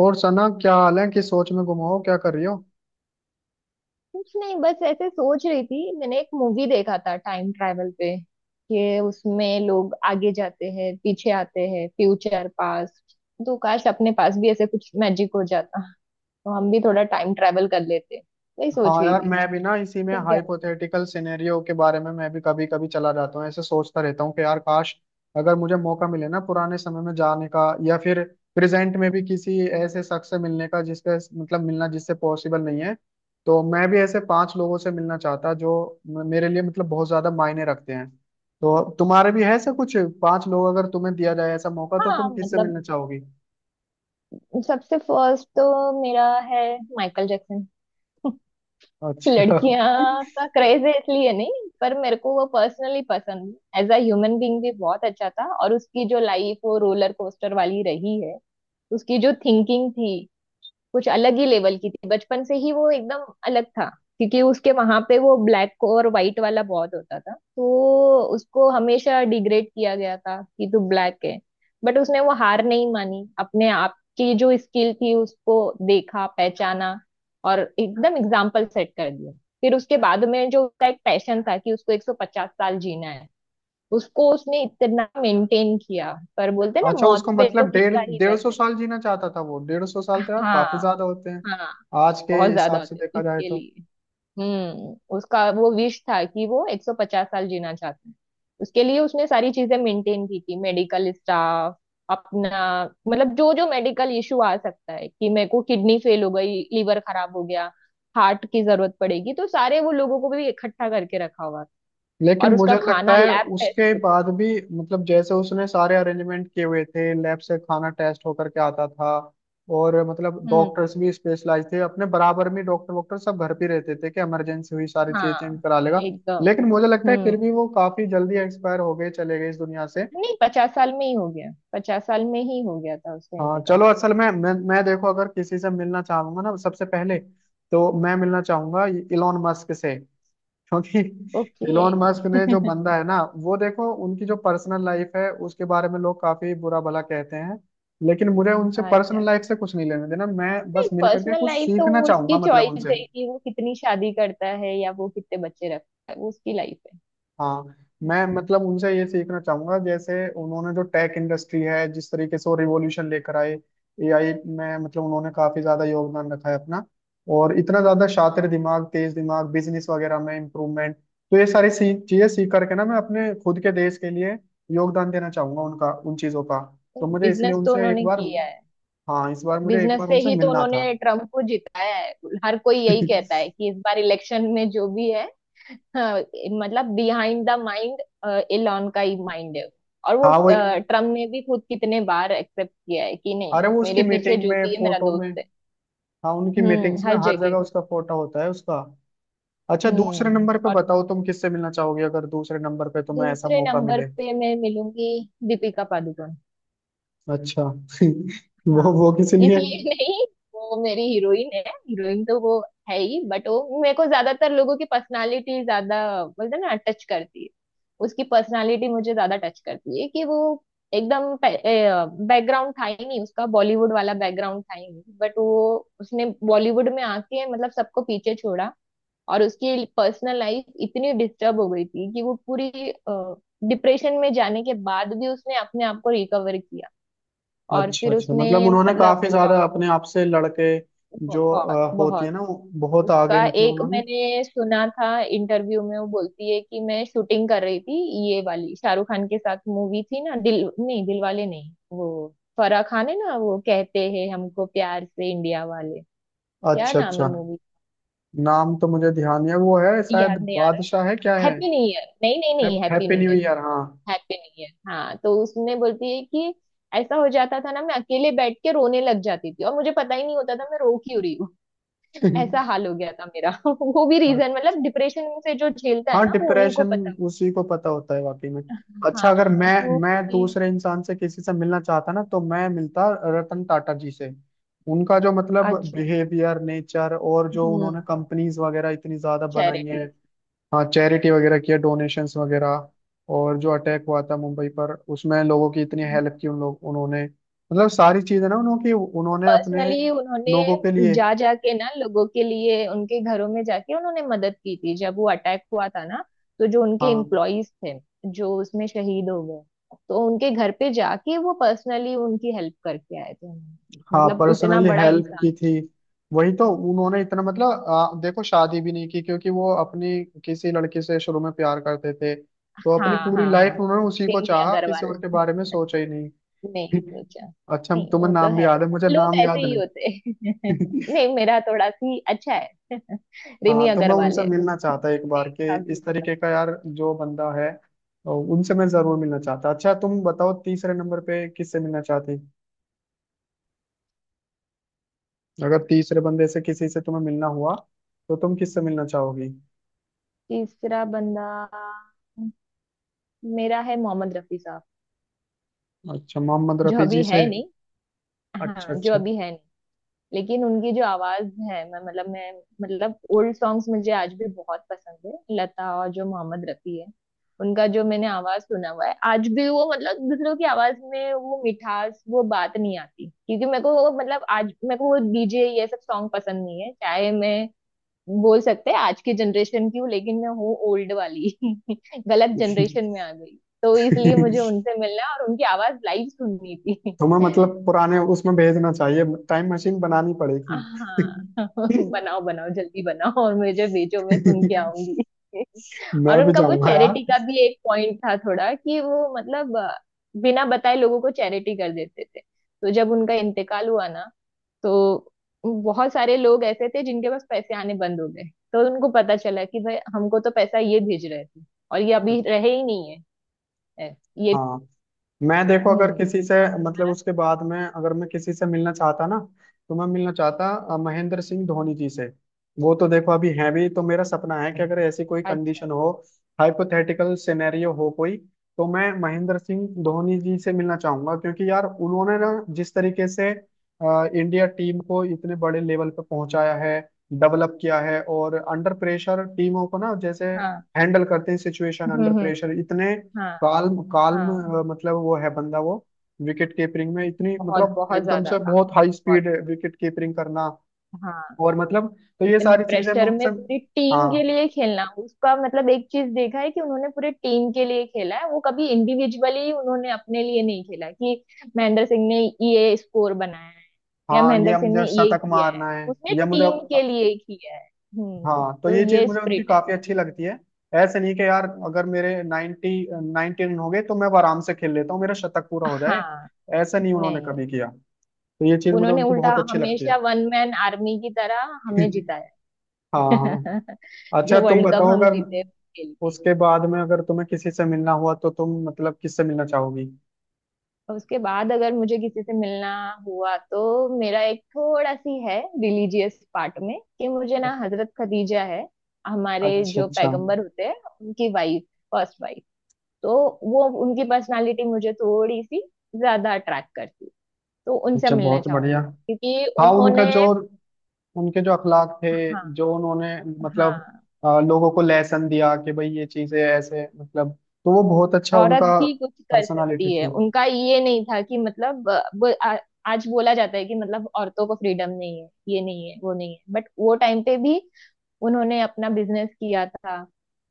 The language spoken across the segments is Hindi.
और सना क्या हाल है? किस सोच में गुम हो? क्या कर रही हो? कुछ नहीं। बस ऐसे सोच रही थी। मैंने एक मूवी देखा था टाइम ट्रैवल पे कि उसमें लोग आगे जाते हैं, पीछे आते हैं, फ्यूचर पास्ट। तो काश अपने पास भी ऐसे कुछ मैजिक हो जाता तो हम भी थोड़ा टाइम ट्रैवल कर लेते। वही सोच हाँ रही यार, थी। मैं भी ना इसी में तुम क्या बोल? हाइपोथेटिकल सिनेरियो के बारे में मैं भी कभी कभी चला जाता हूँ, ऐसे सोचता रहता हूँ कि यार काश अगर मुझे मौका मिले ना पुराने समय में जाने का, या फिर प्रेजेंट में भी किसी ऐसे शख्स से मिलने का जिसके मतलब मिलना जिससे पॉसिबल नहीं है। तो मैं भी ऐसे पांच लोगों से मिलना चाहता जो मेरे लिए मतलब बहुत ज्यादा मायने रखते हैं। तो तुम्हारे भी है ऐसा कुछ? पांच लोग अगर तुम्हें दिया जाए ऐसा मौका तो हाँ तुम किससे मतलब मिलना चाहोगी? सबसे फर्स्ट तो मेरा है माइकल जैक्सन। अच्छा। लड़कियां का क्रेज है इसलिए नहीं, पर मेरे को वो पर्सनली पसंद, एज अ ह्यूमन बीइंग भी बहुत अच्छा था, और उसकी जो लाइफ वो रोलर कोस्टर वाली रही है। उसकी जो थिंकिंग थी कुछ अलग ही लेवल की थी। बचपन से ही वो एकदम अलग था, क्योंकि उसके वहां पे वो ब्लैक और व्हाइट वाला बहुत होता था, तो उसको हमेशा डिग्रेड किया गया था कि तू ब्लैक है। बट उसने वो हार नहीं मानी, अपने आप की जो स्किल थी उसको देखा, पहचाना और एकदम एग्जाम्पल सेट कर दिया। फिर उसके बाद में जो उसका एक पैशन था कि उसको 150 साल जीना है। उसको उसने इतना मेंटेन किया, पर बोलते ना अच्छा, मौत उसको पे तो मतलब डेढ़ किसका ही डेढ़ बस सौ है। साल जीना चाहता था वो? डेढ़ सौ साल तो यार हाँ। काफी ज्यादा होते हैं। हाँ। आज के बहुत ज्यादा हिसाब से होते हैं, देखा जाए इसके तो। लिए। उसका वो विश था कि वो 150 साल जीना चाहते हैं। उसके लिए उसने सारी चीजें मेंटेन की थी। मेडिकल स्टाफ अपना, मतलब जो जो मेडिकल इशू आ सकता है कि मेरे को किडनी फेल हो गई, लीवर खराब हो गया, हार्ट की जरूरत पड़ेगी, तो सारे वो लोगों को भी इकट्ठा करके रखा हुआ था। लेकिन और मुझे उसका खाना लगता है लैब टेस्ट उसके होता। बाद भी मतलब जैसे उसने सारे अरेंजमेंट किए हुए थे, लैब से खाना टेस्ट होकर के आता था। और मतलब हम्म। डॉक्टर्स भी स्पेशलाइज थे, अपने बराबर में डॉक्टर वॉक्टर सब घर पे रहते थे कि इमरजेंसी हुई सारी चीजें चेंज हाँ। करा लेगा। एकदम। लेकिन मुझे लगता है फिर हम्म। भी वो काफी जल्दी एक्सपायर हो गए, चले गए इस दुनिया से। नहीं, पचास साल में ही हो गया, पचास साल में ही हो गया था उसका हाँ चलो, इंतकाल। असल में मैं देखो अगर किसी से मिलना चाहूंगा ना सबसे पहले, तो मैं मिलना चाहूंगा इलोन मस्क से, क्योंकि ओके। इलोन मस्क ने, जो बंदा है ना वो, देखो उनकी जो पर्सनल लाइफ है उसके बारे में लोग काफी बुरा भला कहते हैं, लेकिन मुझे उनसे पर्सनल अच्छा, लाइफ से कुछ नहीं लेना देना। मैं नहीं बस मिल करके पर्सनल कुछ लाइफ तो सीखना वो चाहूंगा उसकी मतलब चॉइस उनसे। है कि वो कितनी शादी करता है या वो कितने बच्चे रखता है, वो उसकी लाइफ है। हाँ, मैं मतलब उनसे ये सीखना चाहूंगा, जैसे उन्होंने जो टेक इंडस्ट्री है जिस तरीके से वो रिवॉल्यूशन लेकर आए, एआई में मतलब उन्होंने काफी ज्यादा योगदान रखा है अपना। और इतना ज्यादा शातिर दिमाग, तेज दिमाग, बिजनेस वगैरह में इम्प्रूवमेंट, तो ये सारी सी चीजें सीख करके ना मैं अपने खुद के देश के लिए योगदान देना चाहूंगा उनका, उन चीजों का। तो मुझे इसलिए बिजनेस तो उनसे एक उन्होंने बार, किया है। हाँ इस बार मुझे एक बिजनेस बार से उनसे ही तो मिलना था। उन्होंने ट्रम्प को जिताया है। हर कोई यही कहता है कि इस बार इलेक्शन में जो भी है, हाँ, मतलब बिहाइंड द माइंड एलॉन का ही माइंड है। और वो हाँ वो, ट्रम्प ने भी खुद कितने बार एक्सेप्ट किया है कि नहीं अरे वो उसकी मेरे पीछे मीटिंग जो में भी है मेरा फोटो में, दोस्त है। हाँ उनकी हम्म, मीटिंग्स में हर हर जगह जगह। उसका फोटो होता है, उसका। अच्छा, दूसरे नंबर पे और बताओ तुम किससे मिलना चाहोगे? अगर दूसरे नंबर पे तुम्हें ऐसा दूसरे मौका नंबर मिले। पे मैं मिलूंगी दीपिका पादुकोण। अच्छा। हाँ, वो किस लिए? इसलिए। नहीं, वो मेरी हीरोइन है। हीरोइन तो वो है ही, बट वो मेरे को ज्यादातर लोगों की पर्सनालिटी ज्यादा, बोलते हैं ना टच करती है, उसकी पर्सनालिटी मुझे ज्यादा टच करती है कि वो एकदम, बैकग्राउंड था ही नहीं उसका, बॉलीवुड वाला बैकग्राउंड था ही नहीं, बट वो उसने बॉलीवुड में आके मतलब सबको पीछे छोड़ा। और उसकी पर्सनल लाइफ इतनी डिस्टर्ब हो गई थी कि वो पूरी डिप्रेशन में जाने के बाद भी उसने अपने आप को रिकवर किया। और अच्छा फिर अच्छा, उसने मतलब उन्होंने मतलब काफी ज्यादा अपने आप से लड़के जो बहुत होती है बहुत। ना वो, बहुत आगे उसका मतलब एक उन्होंने। मैंने सुना था इंटरव्यू में, वो बोलती है कि मैं शूटिंग कर रही थी, ये वाली शाहरुख खान के साथ मूवी थी ना, दिल नहीं, दिलवाले नहीं, वो फराह खान है ना, वो कहते हैं हमको प्यार से इंडिया वाले। क्या अच्छा नाम है अच्छा। मूवी? नाम तो मुझे ध्यान नहीं है वो, है शायद याद नहीं आ रहा है। बादशाह है, क्या है? हैप्पी न्यू ईयर, नहीं नहीं नहीं happy happy new new year, year, हाँ। हैप्पी नहीं है। हाँ, तो उसने बोलती है कि ऐसा हो जाता था ना, मैं अकेले बैठ के रोने लग जाती थी और मुझे पता ही नहीं होता था मैं रो क्यों रही हूँ। ऐसा हाल हो गया था मेरा। वो भी रीजन, अच्छा। मतलब डिप्रेशन से जो झेलता है हाँ, ना वो उन्हीं को डिप्रेशन पता। उसी को पता होता है वाकई में। अच्छा, अगर हाँ मैं, तो मैं उसने-। दूसरे इंसान से किसी से मिलना चाहता ना, तो मैं मिलता रतन टाटा जी से। उनका जो मतलब अच्छा। बिहेवियर, नेचर, और जो हम्म, उन्होंने कंपनीज वगैरह इतनी ज्यादा बनाई चैरिटी। है। हाँ चैरिटी वगैरह किया, डोनेशंस वगैरह। और जो अटैक हुआ था मुंबई पर, उसमें लोगों की इतनी हेल्प की उन लोग, उन्होंने मतलब सारी चीजें ना उन्होंने उन्होंने अपने पर्सनली उन्होंने लोगों के लिए। जा जाके ना लोगों के लिए, उनके घरों में जाके उन्होंने मदद की थी जब वो अटैक हुआ था ना, तो जो उनके हाँ एम्प्लॉयज थे, जो उसमें शहीद हो गए, तो उनके घर पे जाके वो पर्सनली उनकी हेल्प करके आए थे उन्होंने। हाँ, मतलब उतना पर्सनली बड़ा हेल्प इंसान। की थी। वही तो। उन्होंने इतना मतलब देखो शादी भी नहीं की क्योंकि वो अपनी किसी लड़की से शुरू में प्यार करते थे, तो अपनी हाँ, पूरी हाँ, लाइफ हाँ। उन्होंने उसी को प्रेमी चाहा, किसी अग्रवाल। और के बारे में सोचा ही नहीं। नहीं सोचा, अच्छा, नहीं तुम्हें वो तो नाम भी है, याद है? मुझे लोग नाम ऐसे याद ही होते हैं। नहीं। नहीं मेरा थोड़ा सी अच्छा है। हाँ रिमी तो मैं अग्रवाल उनसे है वो। मिलना चाहता एक बार के, देखा भी। इस तरीके का यार जो बंदा है, तो उनसे मैं जरूर मिलना चाहता। अच्छा, तुम बताओ तीसरे नंबर पे किससे मिलना चाहती? अगर तीसरे बंदे से किसी से तुम्हें मिलना हुआ तो तुम किससे मिलना चाहोगी? तीसरा बंदा मेरा है मोहम्मद रफी साहब, अच्छा, मोहम्मद जो रफी जी अभी से। है नहीं। अच्छा हाँ, जो अच्छा। अभी है नहीं। लेकिन उनकी जो आवाज है, मैं मतलब ओल्ड सॉन्ग्स मुझे आज भी बहुत पसंद है, लता और जो मोहम्मद रफी है, उनका जो मैंने आवाज सुना हुआ है आज भी, वो मतलब दूसरों की आवाज में वो मिठास वो बात नहीं आती। क्योंकि मेरे को वो मतलब आज मेरे को वो डीजे ये सब सॉन्ग पसंद नहीं है, चाहे मैं बोल सकते हैं आज की जनरेशन की हूँ, लेकिन मैं हूँ ओल्ड वाली। गलत जनरेशन में आ गई। तो इसलिए मुझे उनसे मिलना और उनकी आवाज लाइव सुननी थी। तुम्हें मतलब पुराने उसमें भेजना चाहिए। टाइम मशीन बनानी पड़ेगी। हाँ बनाओ बनाओ, जल्दी बनाओ और मुझे भेजो, मैं सुन के आऊंगी। मैं और भी उनका वो जाऊंगा यार। चैरिटी का भी एक पॉइंट था थोड़ा कि वो मतलब बिना बताए लोगों को चैरिटी कर देते थे। तो जब उनका इंतकाल हुआ ना, तो बहुत सारे लोग ऐसे थे जिनके पास पैसे आने बंद हो गए, तो उनको पता चला कि भाई हमको तो पैसा ये भेज रहे थे, और ये अभी रहे ही नहीं है। ये। हाँ, मैं देखो हम्म, अगर किसी से और मतलब तुम्हारा? उसके बाद में अगर मैं किसी से मिलना चाहता ना, तो मैं मिलना चाहता महेंद्र सिंह धोनी जी से। वो तो देखो अभी हैं भी, तो मेरा सपना है कि अगर ऐसी कोई अच्छा। कंडीशन हो, हाइपोथेटिकल सिनेरियो हो कोई, तो मैं महेंद्र सिंह धोनी जी से मिलना चाहूंगा। क्योंकि यार उन्होंने ना, जिस तरीके से इंडिया टीम को इतने बड़े लेवल पे पहुंचाया है, डेवलप किया है, और अंडर प्रेशर टीमों को ना जैसे हाँ। हैंडल करते हैं, सिचुएशन हम्म, अंडर हम्म। प्रेशर इतने हाँ। काल्म काल्म, हाँ, मतलब वो है बंदा वो। विकेट कीपरिंग में इतनी बहुत मतलब बहुत एकदम ज्यादा से काम बहुत है, हाई बहुत। स्पीड विकेट कीपरिंग करना, हाँ, और मतलब, तो ये इतने सारी चीजें मैं प्रेशर में उनसे। पूरी टीम के हाँ लिए खेलना, उसका मतलब एक चीज देखा है कि उन्होंने पूरे टीम के लिए खेला है, वो कभी इंडिविजुअली उन्होंने अपने लिए नहीं खेला कि महेंद्र सिंह ने ये स्कोर बनाया है, या हाँ, महेंद्र ये सिंह मुझे ने ये शतक किया है, मारना है, उसने या मुझे। टीम के लिए किया है। हम्म, हाँ तो तो ये चीज ये मुझे उनकी स्प्रिट है। काफी अच्छी लगती है। ऐसे नहीं कि यार अगर मेरे 90 नाइनटी रन हो गए तो मैं अब आराम से खेल लेता हूँ, मेरा शतक पूरा हो जाए। हाँ, ऐसा नहीं उन्होंने नहीं कभी किया। तो ये चीज मुझे उन्होंने उनकी उल्टा बहुत अच्छी लगती है। हमेशा वन मैन आर्मी की तरह हमें जिताया। हाँ हाँ। अच्छा जो तुम वर्ल्ड कप बताओ, हम अगर जीते उसके लिए। उसके बाद में अगर तुम्हें किसी से मिलना हुआ तो तुम मतलब किससे मिलना चाहोगी? उसके बाद अगर मुझे किसी से मिलना हुआ, तो मेरा एक थोड़ा सी है रिलीजियस पार्ट में कि मुझे ना हजरत खदीजा है, हमारे अच्छा जो अच्छा। पैगंबर होते हैं उनकी वाइफ, फर्स्ट वाइफ, तो वो उनकी पर्सनालिटी मुझे थोड़ी सी ज्यादा अट्रैक्ट करती है। तो उनसे अच्छा मिलना बहुत बढ़िया। चाहूंगी क्योंकि हाँ उनका उन्होंने, जो, उनके जो अखलाक थे, हाँ जो उन्होंने मतलब हाँ, लोगों को लेसन दिया कि भाई ये चीजें ऐसे मतलब, तो वो बहुत अच्छा औरत उनका भी कुछ कर पर्सनालिटी सकती है, थी। उनका ये नहीं था कि मतलब आज बोला जाता है कि मतलब औरतों को फ्रीडम नहीं है, ये नहीं है, वो नहीं है, बट वो टाइम पे भी उन्होंने अपना बिजनेस किया था।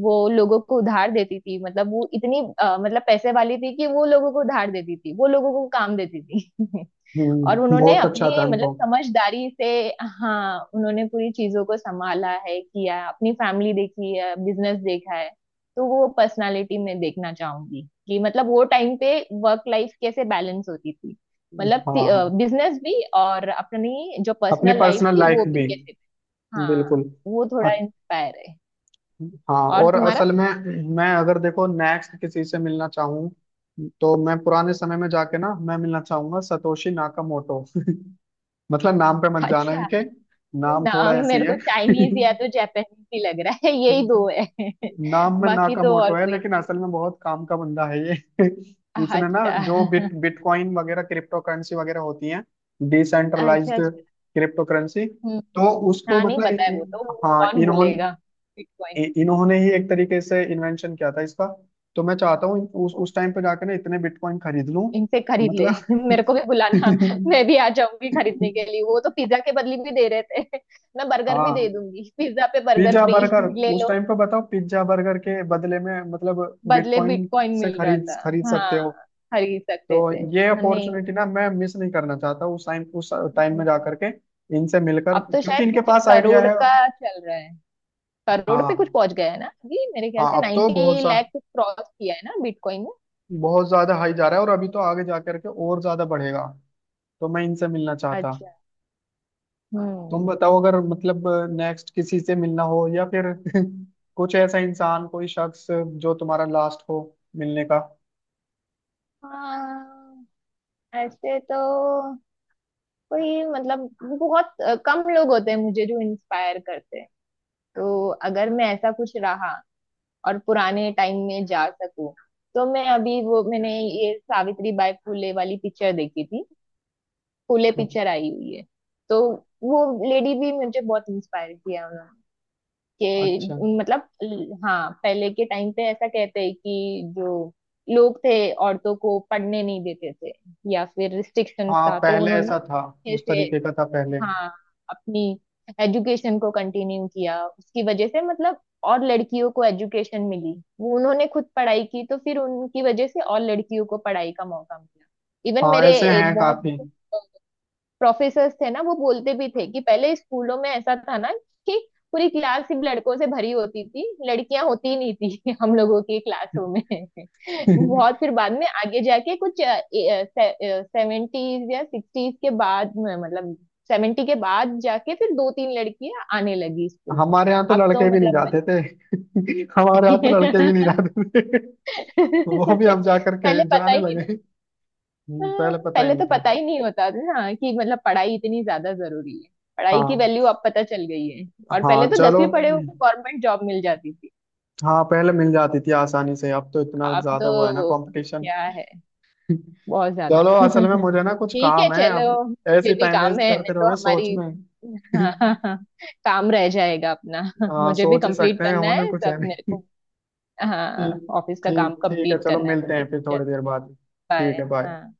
वो लोगों को उधार देती थी, मतलब वो इतनी मतलब पैसे वाली थी कि वो लोगों को उधार देती थी, वो लोगों को काम देती थी। और हम्म, उन्होंने बहुत अच्छा था अपने मतलब उनको। समझदारी से, हाँ उन्होंने पूरी चीजों को संभाला है, किया है, अपनी फैमिली देखी है, बिजनेस देखा है। तो वो पर्सनालिटी में देखना चाहूंगी कि मतलब वो टाइम पे वर्क लाइफ कैसे बैलेंस होती थी, मतलब हाँ हाँ, बिजनेस भी और अपनी जो अपनी पर्सनल लाइफ पर्सनल थी लाइफ वो भी भी। कैसे। हाँ बिल्कुल। वो थोड़ा इंस्पायर है। हाँ और और तुम्हारा? असल में मैं अगर देखो नेक्स्ट किसी से मिलना चाहूँ, तो मैं पुराने समय में जाके ना मैं मिलना चाहूंगा सतोशी नाकामोटो। मतलब नाम पे मत जाना अच्छा, इनके, नाम थोड़ा नाम ऐसे ही मेरे को है। चाइनीज या तो जापानीज ही लग रहा है, यही दो है। नाम में बाकी तो और नाकामोटो है कोई। लेकिन असल में बहुत काम का बंदा है ये। इसने ना जो अच्छा। बिटकॉइन वगैरह, क्रिप्टो करेंसी वगैरह होती है, अच्छा। डिसेंट्रलाइज्ड अच्छा। क्रिप्टो करेंसी, हम्म। तो उसको हाँ नहीं मतलब बताया वो तो, वो हाँ कौन बोलेगा। इन्होंने, बिटकॉइन इन्होंने ही एक तरीके से इन्वेंशन किया था इसका। तो मैं चाहता हूँ उस टाइम पे जाकर ना इतने बिटकॉइन खरीद लूं, इनसे खरीद ले। मतलब। मेरे को भी बुलाना, मैं भी आ जाऊंगी खरीदने के लिए, वो तो पिज्जा के बदले भी दे रहे थे। मैं बर्गर भी दे हाँ, दूंगी, पिज्जा पे बर्गर पिज्जा फ्री। बर्गर, ले उस लो। टाइम पे बताओ, पिज्जा बर्गर के बदले में मतलब बदले बिटकॉइन बिटकॉइन से मिल रहा खरीद था। खरीद हाँ सकते हो। खरीद सकते तो थे। ये नहीं। अपॉर्चुनिटी ना मैं मिस नहीं करना चाहता, उस टाइम में हम्म, जाकर के इनसे मिलकर, अब तो क्योंकि शायद इनके कुछ पास आइडिया करोड़ है। का चल रहा है, करोड़ पे कुछ हाँ पहुंच गया है ना, अभी मेरे ख्याल हाँ, से अब तो बहुत 90 सा, लाख कुछ क्रॉस किया है ना बिटकॉइन ने। बहुत ज्यादा हाई जा रहा है, और अभी तो आगे जा करके और ज्यादा बढ़ेगा। तो मैं इनसे मिलना चाहता। अच्छा। तुम हम्म। बताओ अगर मतलब नेक्स्ट किसी से मिलना हो, या फिर कुछ ऐसा इंसान, कोई शख्स जो तुम्हारा लास्ट हो मिलने का। हाँ। ऐसे तो कोई मतलब बहुत कम लोग होते हैं मुझे जो इंस्पायर करते हैं। तो अगर मैं ऐसा कुछ रहा और पुराने टाइम में जा सकूं, तो मैं अभी वो मैंने ये सावित्री बाई फुले वाली पिक्चर देखी थी, फूले पिक्चर आई हुई है, तो वो लेडी भी मुझे बहुत इंस्पायर किया उन्होंने। अच्छा। कि मतलब हाँ पहले के टाइम पे ऐसा कहते हैं कि जो लोग थे औरतों को पढ़ने नहीं देते थे, या फिर रिस्ट्रिक्शन हाँ था, तो पहले ऐसा था, उन्होंने उस ऐसे, तरीके का था पहले। हाँ अपनी एजुकेशन को कंटिन्यू किया, उसकी वजह से मतलब और लड़कियों को एजुकेशन मिली, वो उन्होंने खुद पढ़ाई की, तो फिर उनकी वजह से और लड़कियों को पढ़ाई का मौका मिला। इवन हाँ, मेरे ऐसे हैं बहुत काफी। प्रोफेसर थे ना, वो बोलते भी थे कि पहले स्कूलों में ऐसा था ना कि पूरी क्लास सिर्फ लड़कों से भरी होती थी, लड़कियां होती ही नहीं थी हम लोगों की क्लासों में। बहुत फिर बाद में आगे जाके कुछ सेवेंटीज या सिक्सटीज के बाद में, मतलब सेवेंटी के बाद जाके फिर दो तीन लड़कियां आने लगी स्कूल में। हमारे यहाँ तो अब तो लड़के भी नहीं मतलब जाते थे। हमारे यहाँ तो लड़के भी नहीं जाते थे। वो भी हम जा करके पहले पता जाने ही नहीं। लगे। हाँ, पहले पता ही पहले नहीं तो था। पता ही नहीं होता था ना कि मतलब पढ़ाई इतनी ज्यादा जरूरी है, पढ़ाई की हाँ। वैल्यू अब पता चल गई है। और हाँ पहले तो चलो, दसवीं पढ़े हो तो गवर्नमेंट जॉब मिल जाती थी। हाँ पहले मिल जाती थी आसानी से, अब तो इतना अब ज्यादा तो वो है ना कंपटीशन। क्या है, बहुत ज्यादा। चलो, असल में मुझे ना कुछ ठीक है काम है अब। चलो, मुझे ऐसे भी टाइम काम वेस्ट है, करते नहीं तो रहोगे सोच हमारी में। हाँ हाँ हाँ, काम रह जाएगा अपना। हाँ मुझे भी सोच ही कंप्लीट सकते हैं, करना होना है कुछ है सब मेरे नहीं। को, हाँ ठीक, ऑफिस का काम ठीक है कंप्लीट चलो, करना है मिलते मुझे। हैं फिर थोड़ी चलो, देर बाद। ठीक बाय। है, बाय। हाँ।